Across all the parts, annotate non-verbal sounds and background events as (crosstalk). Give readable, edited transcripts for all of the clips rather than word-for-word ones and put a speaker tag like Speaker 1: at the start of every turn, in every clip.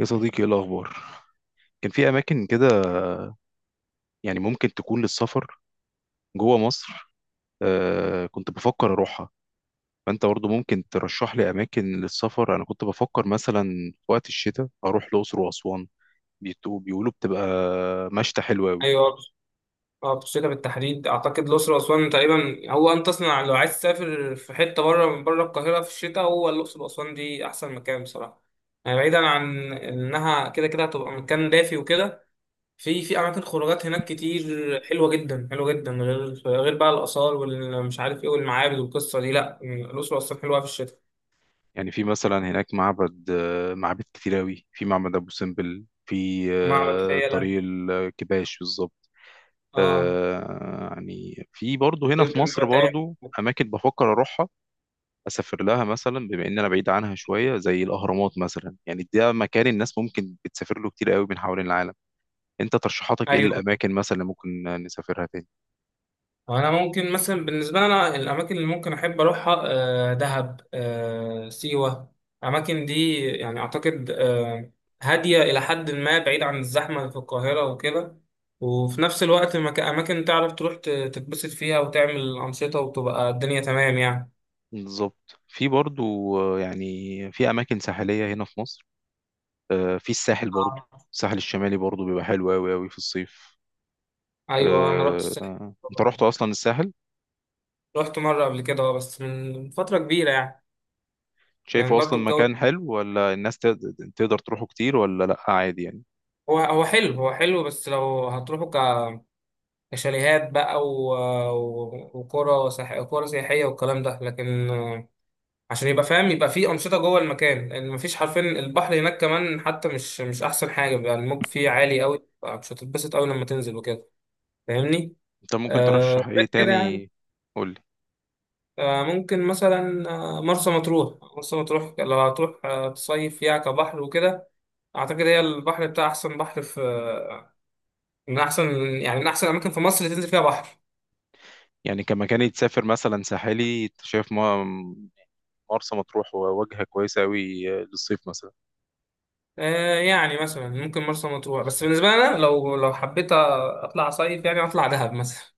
Speaker 1: يا صديقي، ايه الاخبار؟ كان في اماكن كده، يعني ممكن تكون للسفر جوه مصر. آه، كنت بفكر اروحها. فانت برضه ممكن ترشح لي اماكن للسفر. انا كنت بفكر مثلا في وقت الشتاء اروح الاقصر واسوان. بيقولوا بتبقى مشتى حلوة أوي.
Speaker 2: ايوه، اه بتشتغل بالتحديد. اعتقد الاقصر واسوان تقريبا هو ان تصنع. لو عايز تسافر في حته بره، من بره القاهره في الشتاء، هو الاقصر واسوان دي احسن مكان بصراحه. يعني بعيدا عن انها كده كده هتبقى مكان دافي وكده، في اماكن خروجات هناك كتير، حلوه جدا حلوه جدا، غير بقى الاثار والمش عارف ايه والمعابد والقصه دي. لا، الاقصر واسوان حلوه في الشتاء.
Speaker 1: يعني في مثلا هناك معبد، معابد كتير أوي. في معبد أبو سمبل، في
Speaker 2: معبد فيلة.
Speaker 1: طريق الكباش بالظبط.
Speaker 2: اه.
Speaker 1: يعني في برضه هنا في
Speaker 2: جزيره
Speaker 1: مصر
Speaker 2: المتاع.
Speaker 1: برضه أماكن بفكر أروحها، اسافر لها مثلا، بما ان انا بعيد عنها شويه، زي الاهرامات مثلا. يعني ده مكان الناس ممكن بتسافر له كتير قوي من حوالين العالم. انت ترشيحاتك ايه
Speaker 2: ايوه،
Speaker 1: الاماكن مثلا اللي ممكن نسافرها تاني؟
Speaker 2: انا ممكن مثلا بالنسبه لي انا، الاماكن اللي ممكن احب اروحها دهب، سيوه. الاماكن دي يعني اعتقد، هاديه الى حد ما، بعيد عن الزحمه في القاهره وكده، وفي نفس الوقت اماكن تعرف تروح تتبسط فيها وتعمل انشطه، وتبقى الدنيا تمام يعني.
Speaker 1: بالظبط، في برضو، يعني في اماكن ساحليه هنا في مصر. في الساحل برضو،
Speaker 2: آه.
Speaker 1: الساحل الشمالي برضو بيبقى حلو قوي قوي في الصيف.
Speaker 2: ايوه، انا رحت الساحل.
Speaker 1: انت رحت اصلا الساحل؟
Speaker 2: رحت مره قبل كده بس من فتره كبيره يعني. يعني
Speaker 1: شايفه اصلا
Speaker 2: برضو الجو
Speaker 1: مكان حلو، ولا الناس تقدر تروحه كتير، ولا لا عادي يعني؟
Speaker 2: هو حلو، هو حلو، بس لو هتروحوا شاليهات بقى وقرى قرى سياحية والكلام ده، لكن عشان يبقى فاهم، يبقى في أنشطة جوه المكان، لأن مفيش حرفيا. البحر هناك كمان حتى مش أحسن حاجة، بيبقى الموج فيه عالي قوي، مش هتتبسط قوي لما تنزل وكده. فاهمني؟
Speaker 1: انت ممكن
Speaker 2: آه،
Speaker 1: ترشح ايه
Speaker 2: غير كده يعني.
Speaker 1: تاني؟ قول.
Speaker 2: آه، ممكن مثلا، آه، مرسى مطروح. مرسى مطروح لو هتروح آه تصيف فيها كبحر وكده، أعتقد هي البحر بتاع أحسن بحر في، من أحسن، يعني من أحسن الأماكن في مصر اللي تنزل فيها بحر.
Speaker 1: يعني كمكان يتسافر مثلا ساحلي، انت شايف مرسى مطروح وجهة كويسة قوي للصيف مثلا؟
Speaker 2: آه يعني مثلا ممكن مرسى مطروح، بس بالنسبة لي أنا، لو حبيت أطلع صيف، يعني أطلع دهب مثلا.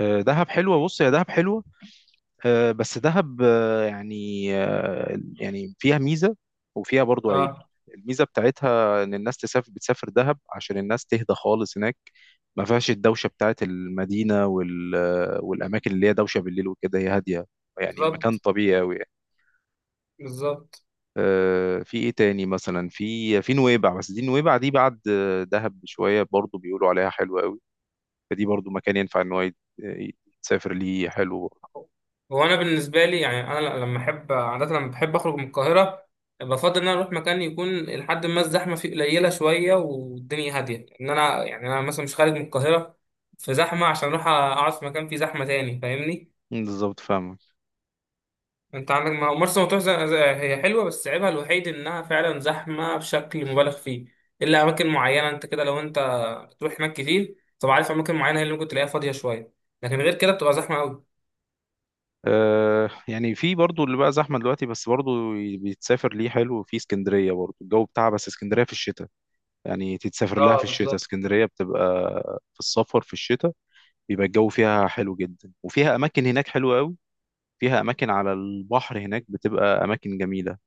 Speaker 1: دهب حلوة، بص يا دهب حلوة. بس دهب، يعني فيها ميزة وفيها برضو عيب.
Speaker 2: أه،
Speaker 1: الميزة بتاعتها ان الناس بتسافر دهب عشان الناس تهدى خالص هناك، ما فيهاش الدوشة بتاعت المدينة والأماكن اللي هي دوشة بالليل وكده، هي هادية. يعني المكان
Speaker 2: بالظبط،
Speaker 1: طبيعي قوي.
Speaker 2: بالظبط.
Speaker 1: في ايه تاني مثلا؟ في نويبع، بس دي نويبع دي بعد دهب بشويه، برضو بيقولوا عليها حلوه قوي. فدي برضو مكان ينفع ان هو يتسافر ليه، حلو برضو.
Speaker 2: هو أنا بالنسبة لي يعني أنا لما أحب عادة، لما بحب أخرج من القاهرة، بفضل إن أنا أروح مكان يكون لحد ما الزحمة فيه قليلة شوية، والدنيا هادية. إن أنا يعني أنا مثلا مش خارج من القاهرة في زحمة عشان أروح أقعد في مكان فيه زحمة تاني. فاهمني؟
Speaker 1: مم، بالظبط، فاهمك.
Speaker 2: انت عندك، ما هو مرسى مطروح هي حلوه، بس عيبها الوحيد انها فعلا زحمه بشكل مبالغ فيه، الا اماكن معينه. انت كده لو انت بتروح هناك كتير، طب عارف اماكن معينه هي اللي ممكن تلاقيها فاضيه شويه، لكن غير كده بتبقى زحمه قوي.
Speaker 1: يعني في برضو اللي بقى زحمه دلوقتي، بس برضو بيتسافر ليه حلو في اسكندريه برضو الجو بتاعها، بس اسكندريه في الشتاء، يعني تتسافر لها
Speaker 2: اه
Speaker 1: في الشتاء،
Speaker 2: بالظبط.
Speaker 1: اسكندريه بتبقى في السفر في الشتاء بيبقى الجو فيها حلو جدا، وفيها اماكن هناك حلوه قوي، فيها اماكن على البحر هناك بتبقى اماكن جميله.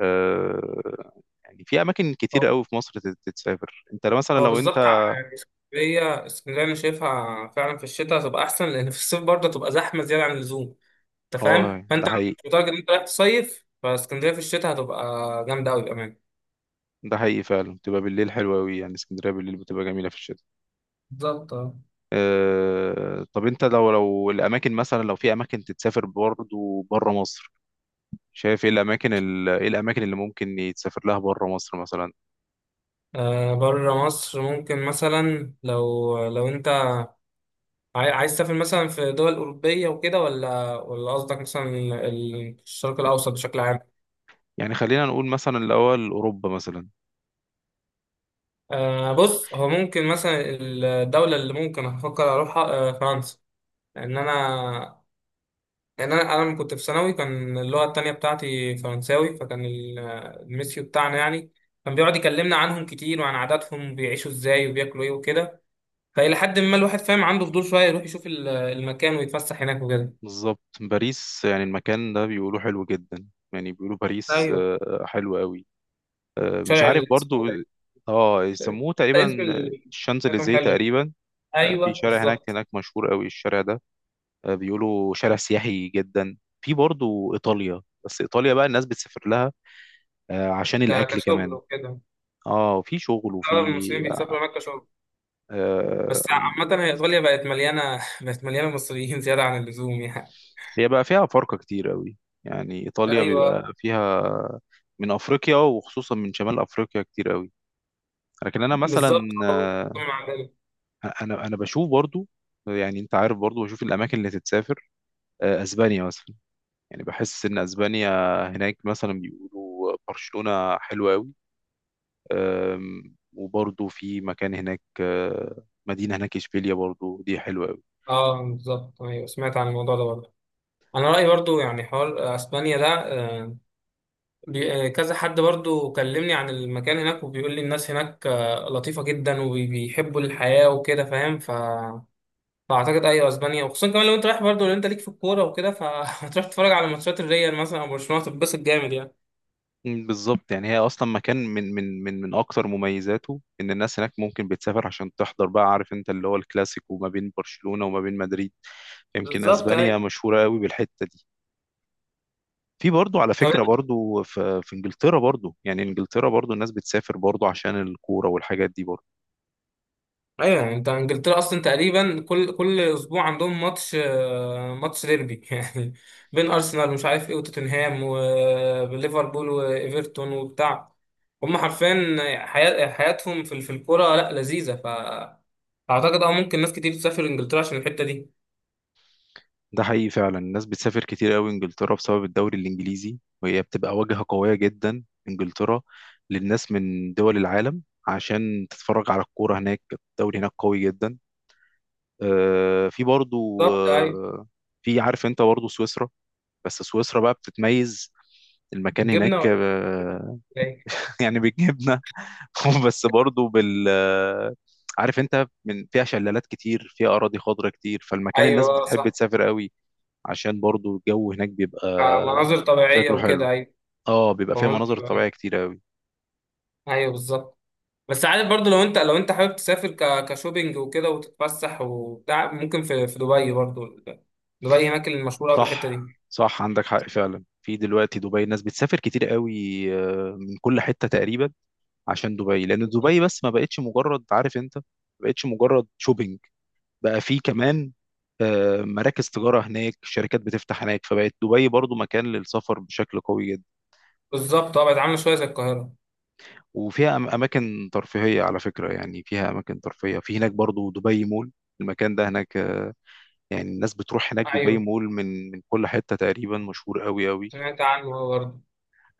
Speaker 1: آه، يعني في اماكن كتير
Speaker 2: هو
Speaker 1: قوي في مصر تتسافر. انت مثلا
Speaker 2: هو
Speaker 1: لو انت...
Speaker 2: بالظبط. يعني اسكندريه، اسكندريه انا شايفها فعلا في الشتاء هتبقى احسن، لان في الصيف برضه هتبقى زحمه زياده عن اللزوم. انت فاهم؟
Speaker 1: اه،
Speaker 2: فانت
Speaker 1: ده
Speaker 2: لو
Speaker 1: حقيقي.
Speaker 2: مش متارجت ان انت رايح تصيف فاسكندريه في الشتاء، هتبقى جامده قوي بامان.
Speaker 1: ده حقيقي فعلا، بتبقى بالليل حلوة قوي، يعني اسكندرية بالليل بتبقى جميلة في الشتاء.
Speaker 2: بالظبط اه.
Speaker 1: طب انت لو الاماكن مثلا، لو في اماكن تتسافر برضه بره مصر، شايف ايه الاماكن، ايه الاماكن اللي ممكن يتسافر لها بره مصر مثلا؟
Speaker 2: آه، بره مصر ممكن مثلا، لو لو انت عايز تسافر مثلا في دول أوروبية وكده، ولا قصدك مثلا الشرق الأوسط بشكل عام؟
Speaker 1: يعني خلينا نقول مثلا الاول اوروبا مثلا.
Speaker 2: آه بص، هو ممكن مثلا الدولة اللي ممكن أفكر أروحها آه فرنسا، لأن أنا، لأن أنا لما كنت في ثانوي كان اللغة التانية بتاعتي فرنساوي، فكان الميسيو بتاعنا يعني كان بيقعد يكلمنا عنهم كتير، وعن عاداتهم، بيعيشوا إزاي وبياكلوا إيه وكده، فإلى حد ما الواحد فاهم، عنده فضول شوية يروح يشوف المكان ويتفسح هناك وكده.
Speaker 1: بالظبط، باريس يعني المكان ده بيقولوا حلو جدا. يعني بيقولوا باريس
Speaker 2: ايوه،
Speaker 1: حلو قوي. مش
Speaker 2: شارع
Speaker 1: عارف
Speaker 2: اسمه
Speaker 1: برضو.
Speaker 2: ده
Speaker 1: اه،
Speaker 2: شارع-
Speaker 1: يسموه
Speaker 2: حتى اسم
Speaker 1: تقريبا
Speaker 2: بتاعتهم
Speaker 1: الشانزليزيه
Speaker 2: حلو.
Speaker 1: تقريبا.
Speaker 2: ايوه
Speaker 1: في شارع هناك
Speaker 2: بالظبط.
Speaker 1: هناك مشهور قوي الشارع ده. بيقولوا شارع سياحي جدا. في برضو ايطاليا، بس ايطاليا بقى الناس بتسافر لها عشان الاكل
Speaker 2: كشغل
Speaker 1: كمان.
Speaker 2: وكده.
Speaker 1: اه، وفي شغل،
Speaker 2: اغلب
Speaker 1: وفي
Speaker 2: المصريين بيسافروا هناك كشغل.
Speaker 1: آه،
Speaker 2: بس عامة هي ايطاليا بقت مليانة (laughs) بقت مليانة مصريين (laughs) زيادة عن اللزوم يعني.
Speaker 1: هي بقى فيها فرقة كتير قوي، يعني ايطاليا
Speaker 2: ايوه
Speaker 1: بيبقى فيها من افريقيا، وخصوصا من شمال افريقيا، كتير قوي. لكن انا مثلا
Speaker 2: بالظبط، أه، مع ذلك.
Speaker 1: انا بشوف برضو، يعني انت عارف برضو، بشوف الاماكن اللي تتسافر، اسبانيا مثلا. يعني بحس ان اسبانيا هناك مثلا بيقولوا برشلونة حلوة قوي، وبرضه في مكان هناك، مدينة هناك اشبيليا برضه دي حلوة قوي.
Speaker 2: اه بالظبط، ايوه سمعت عن الموضوع ده برضه. انا رايي برضه يعني، حوار اسبانيا ده، كذا حد برضه كلمني عن المكان هناك، وبيقول لي الناس هناك لطيفه جدا وبيحبوا الحياه وكده، فاهم؟ فاعتقد ايوه اسبانيا. وخصوصا كمان لو انت رايح برضه، لو انت ليك في الكوره وكده، فهتروح (laughs) تتفرج على ماتشات الريال مثلا او برشلونه، تتبسط جامد يعني.
Speaker 1: مم، بالظبط. يعني هي اصلا مكان من اكتر مميزاته ان الناس هناك ممكن بتسافر عشان تحضر بقى، عارف انت، اللي هو الكلاسيكو ما بين برشلونة وما بين مدريد. يمكن
Speaker 2: بالظبط
Speaker 1: اسبانيا
Speaker 2: اي.
Speaker 1: مشهورة قوي بالحتة دي. في برضه، على
Speaker 2: طب
Speaker 1: فكرة، برضه في انجلترا برضه، يعني انجلترا برضه الناس بتسافر برضه عشان الكورة والحاجات دي برضه.
Speaker 2: ايوه، يعني انت انجلترا اصلا تقريبا كل اسبوع عندهم ماتش، ماتش ديربي (laughs) يعني، بين ارسنال ومش عارف ايه وتوتنهام وليفربول وايفرتون وبتاع. هم حرفيا حياتهم في الكوره، لا لذيذه. اعتقد اه ممكن ناس كتير تسافر انجلترا عشان الحته دي.
Speaker 1: ده حقيقي فعلا، الناس بتسافر كتير قوي انجلترا بسبب الدوري الانجليزي، وهي بتبقى واجهة قوية جدا انجلترا للناس من دول العالم عشان تتفرج على الكورة هناك. الدوري هناك قوي جدا. في برضو
Speaker 2: بالظبط ايوه.
Speaker 1: في، عارف انت، برضو سويسرا، بس سويسرا بقى بتتميز، المكان
Speaker 2: بالجبنه
Speaker 1: هناك
Speaker 2: ولا ايه؟
Speaker 1: (laughs) يعني بيجيبنا (laughs) بس برضو بال آه، عارف انت، من فيها شلالات كتير، فيها اراضي خضراء كتير، فالمكان الناس
Speaker 2: ايوه
Speaker 1: بتحب
Speaker 2: صح.
Speaker 1: تسافر قوي عشان برضو الجو هناك بيبقى
Speaker 2: مناظر طبيعية
Speaker 1: شكله حلو.
Speaker 2: وكده، أيوة.
Speaker 1: اه، بيبقى فيها
Speaker 2: مناظر
Speaker 1: مناظر طبيعية
Speaker 2: طبيعية.
Speaker 1: كتير قوي.
Speaker 2: أيوة بالظبط. بس عارف برضو، لو أنت حابب تسافر كشوبينج وكده وتتفسح وبتاع، ممكن في دبي برضو. دبي هناك المشهورة بالحتة
Speaker 1: صح.
Speaker 2: دي.
Speaker 1: صح، عندك حق فعلا. في دلوقتي دبي ناس بتسافر كتير قوي من كل حتة تقريبا، عشان دبي، لأن دبي بس ما بقتش مجرد، عارف انت، ما بقتش مجرد شوبينج، بقى في كمان مراكز تجارة هناك، شركات بتفتح هناك، فبقت دبي برضو مكان للسفر بشكل قوي جدا.
Speaker 2: بالظبط، أه بقت عاملة شوية زي القاهرة.
Speaker 1: وفيها أماكن ترفيهية على فكرة، يعني فيها أماكن ترفيهية في هناك برضو، دبي مول، المكان ده هناك يعني الناس بتروح هناك دبي
Speaker 2: أيوه،
Speaker 1: مول من كل حتة تقريبا، مشهور قوي قوي.
Speaker 2: سمعت عنه هو برضه.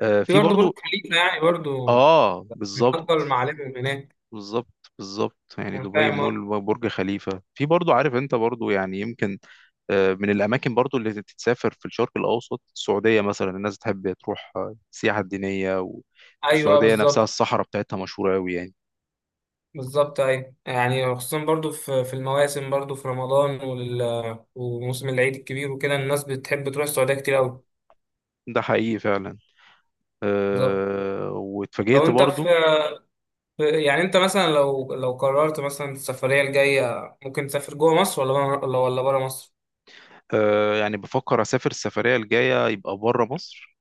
Speaker 2: في
Speaker 1: في
Speaker 2: برضه برج
Speaker 1: برضو.
Speaker 2: خليفة يعني برضه
Speaker 1: اه،
Speaker 2: من
Speaker 1: بالظبط.
Speaker 2: أفضل المعالم اللي هناك.
Speaker 1: بالظبط، بالظبط. يعني
Speaker 2: أنا
Speaker 1: دبي
Speaker 2: فاهم أه.
Speaker 1: مول، برج خليفة، في برضو، عارف انت برضو، يعني يمكن من الأماكن برضو اللي تتسافر في الشرق الأوسط السعودية مثلا. الناس تحب تروح السياحة الدينية،
Speaker 2: أيوه أه
Speaker 1: والسعودية نفسها
Speaker 2: بالظبط.
Speaker 1: الصحراء بتاعتها مشهورة أوي يعني.
Speaker 2: بالظبط أيوه. يعني خصوصا برضه في المواسم برضه، في رمضان وموسم العيد الكبير وكده، الناس بتحب تروح السعودية كتير أوي.
Speaker 1: ده حقيقي فعلا.
Speaker 2: بالظبط.
Speaker 1: أه،
Speaker 2: لو
Speaker 1: واتفاجئت
Speaker 2: انت في
Speaker 1: برضو.
Speaker 2: يعني انت مثلا لو لو قررت مثلا السفرية الجاية، ممكن تسافر جوه مصر ولا بره، ولا بره مصر؟
Speaker 1: أه، يعني بفكر أسافر السفرية الجاية يبقى بره مصر.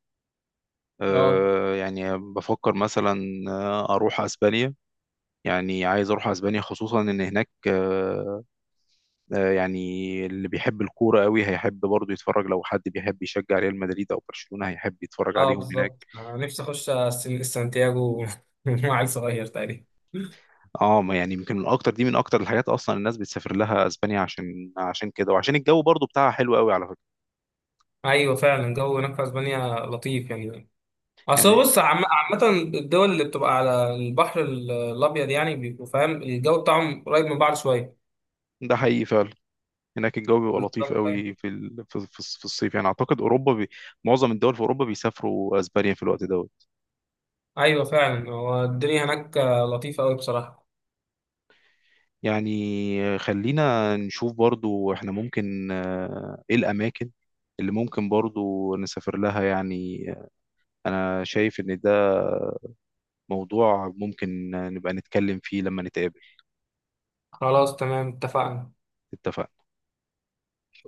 Speaker 2: اه.
Speaker 1: يعني بفكر مثلا اروح اسبانيا. يعني عايز اروح اسبانيا، خصوصا ان هناك يعني اللي بيحب الكوره قوي هيحب برضه يتفرج، لو حد بيحب يشجع ريال مدريد او برشلونه هيحب يتفرج
Speaker 2: اه
Speaker 1: عليهم هناك.
Speaker 2: بالظبط، انا نفسي اخش سانتياغو (laughs) مع عيل صغير تقريبا.
Speaker 1: اه، ما يعني يمكن من اكتر دي، من اكتر الحاجات اصلا الناس بتسافر لها اسبانيا عشان كده، وعشان الجو برضه بتاعها حلو قوي على فكره.
Speaker 2: ايوه فعلا الجو هناك في اسبانيا لطيف يعني. اصل هو
Speaker 1: يعني
Speaker 2: بص، عامة الدول اللي بتبقى على البحر الابيض يعني بيبقوا فاهم، الجو بتاعهم قريب من بعض شوية.
Speaker 1: ده حقيقي فعلا، هناك الجو بيبقى لطيف
Speaker 2: بالظبط ايوه.
Speaker 1: قوي في في الصيف. يعني اعتقد اوروبا معظم الدول في اوروبا بيسافروا اسبانيا في الوقت ده.
Speaker 2: أيوة فعلا، هو الدنيا هناك لطيفة قوي بصراحة.
Speaker 1: يعني خلينا نشوف برضو احنا ممكن ايه الاماكن اللي ممكن برضو نسافر لها يعني. انا شايف ان ده موضوع ممكن نبقى نتكلم فيه لما نتقابل.
Speaker 2: خلاص تمام، اتفقنا.
Speaker 1: اتفقنا.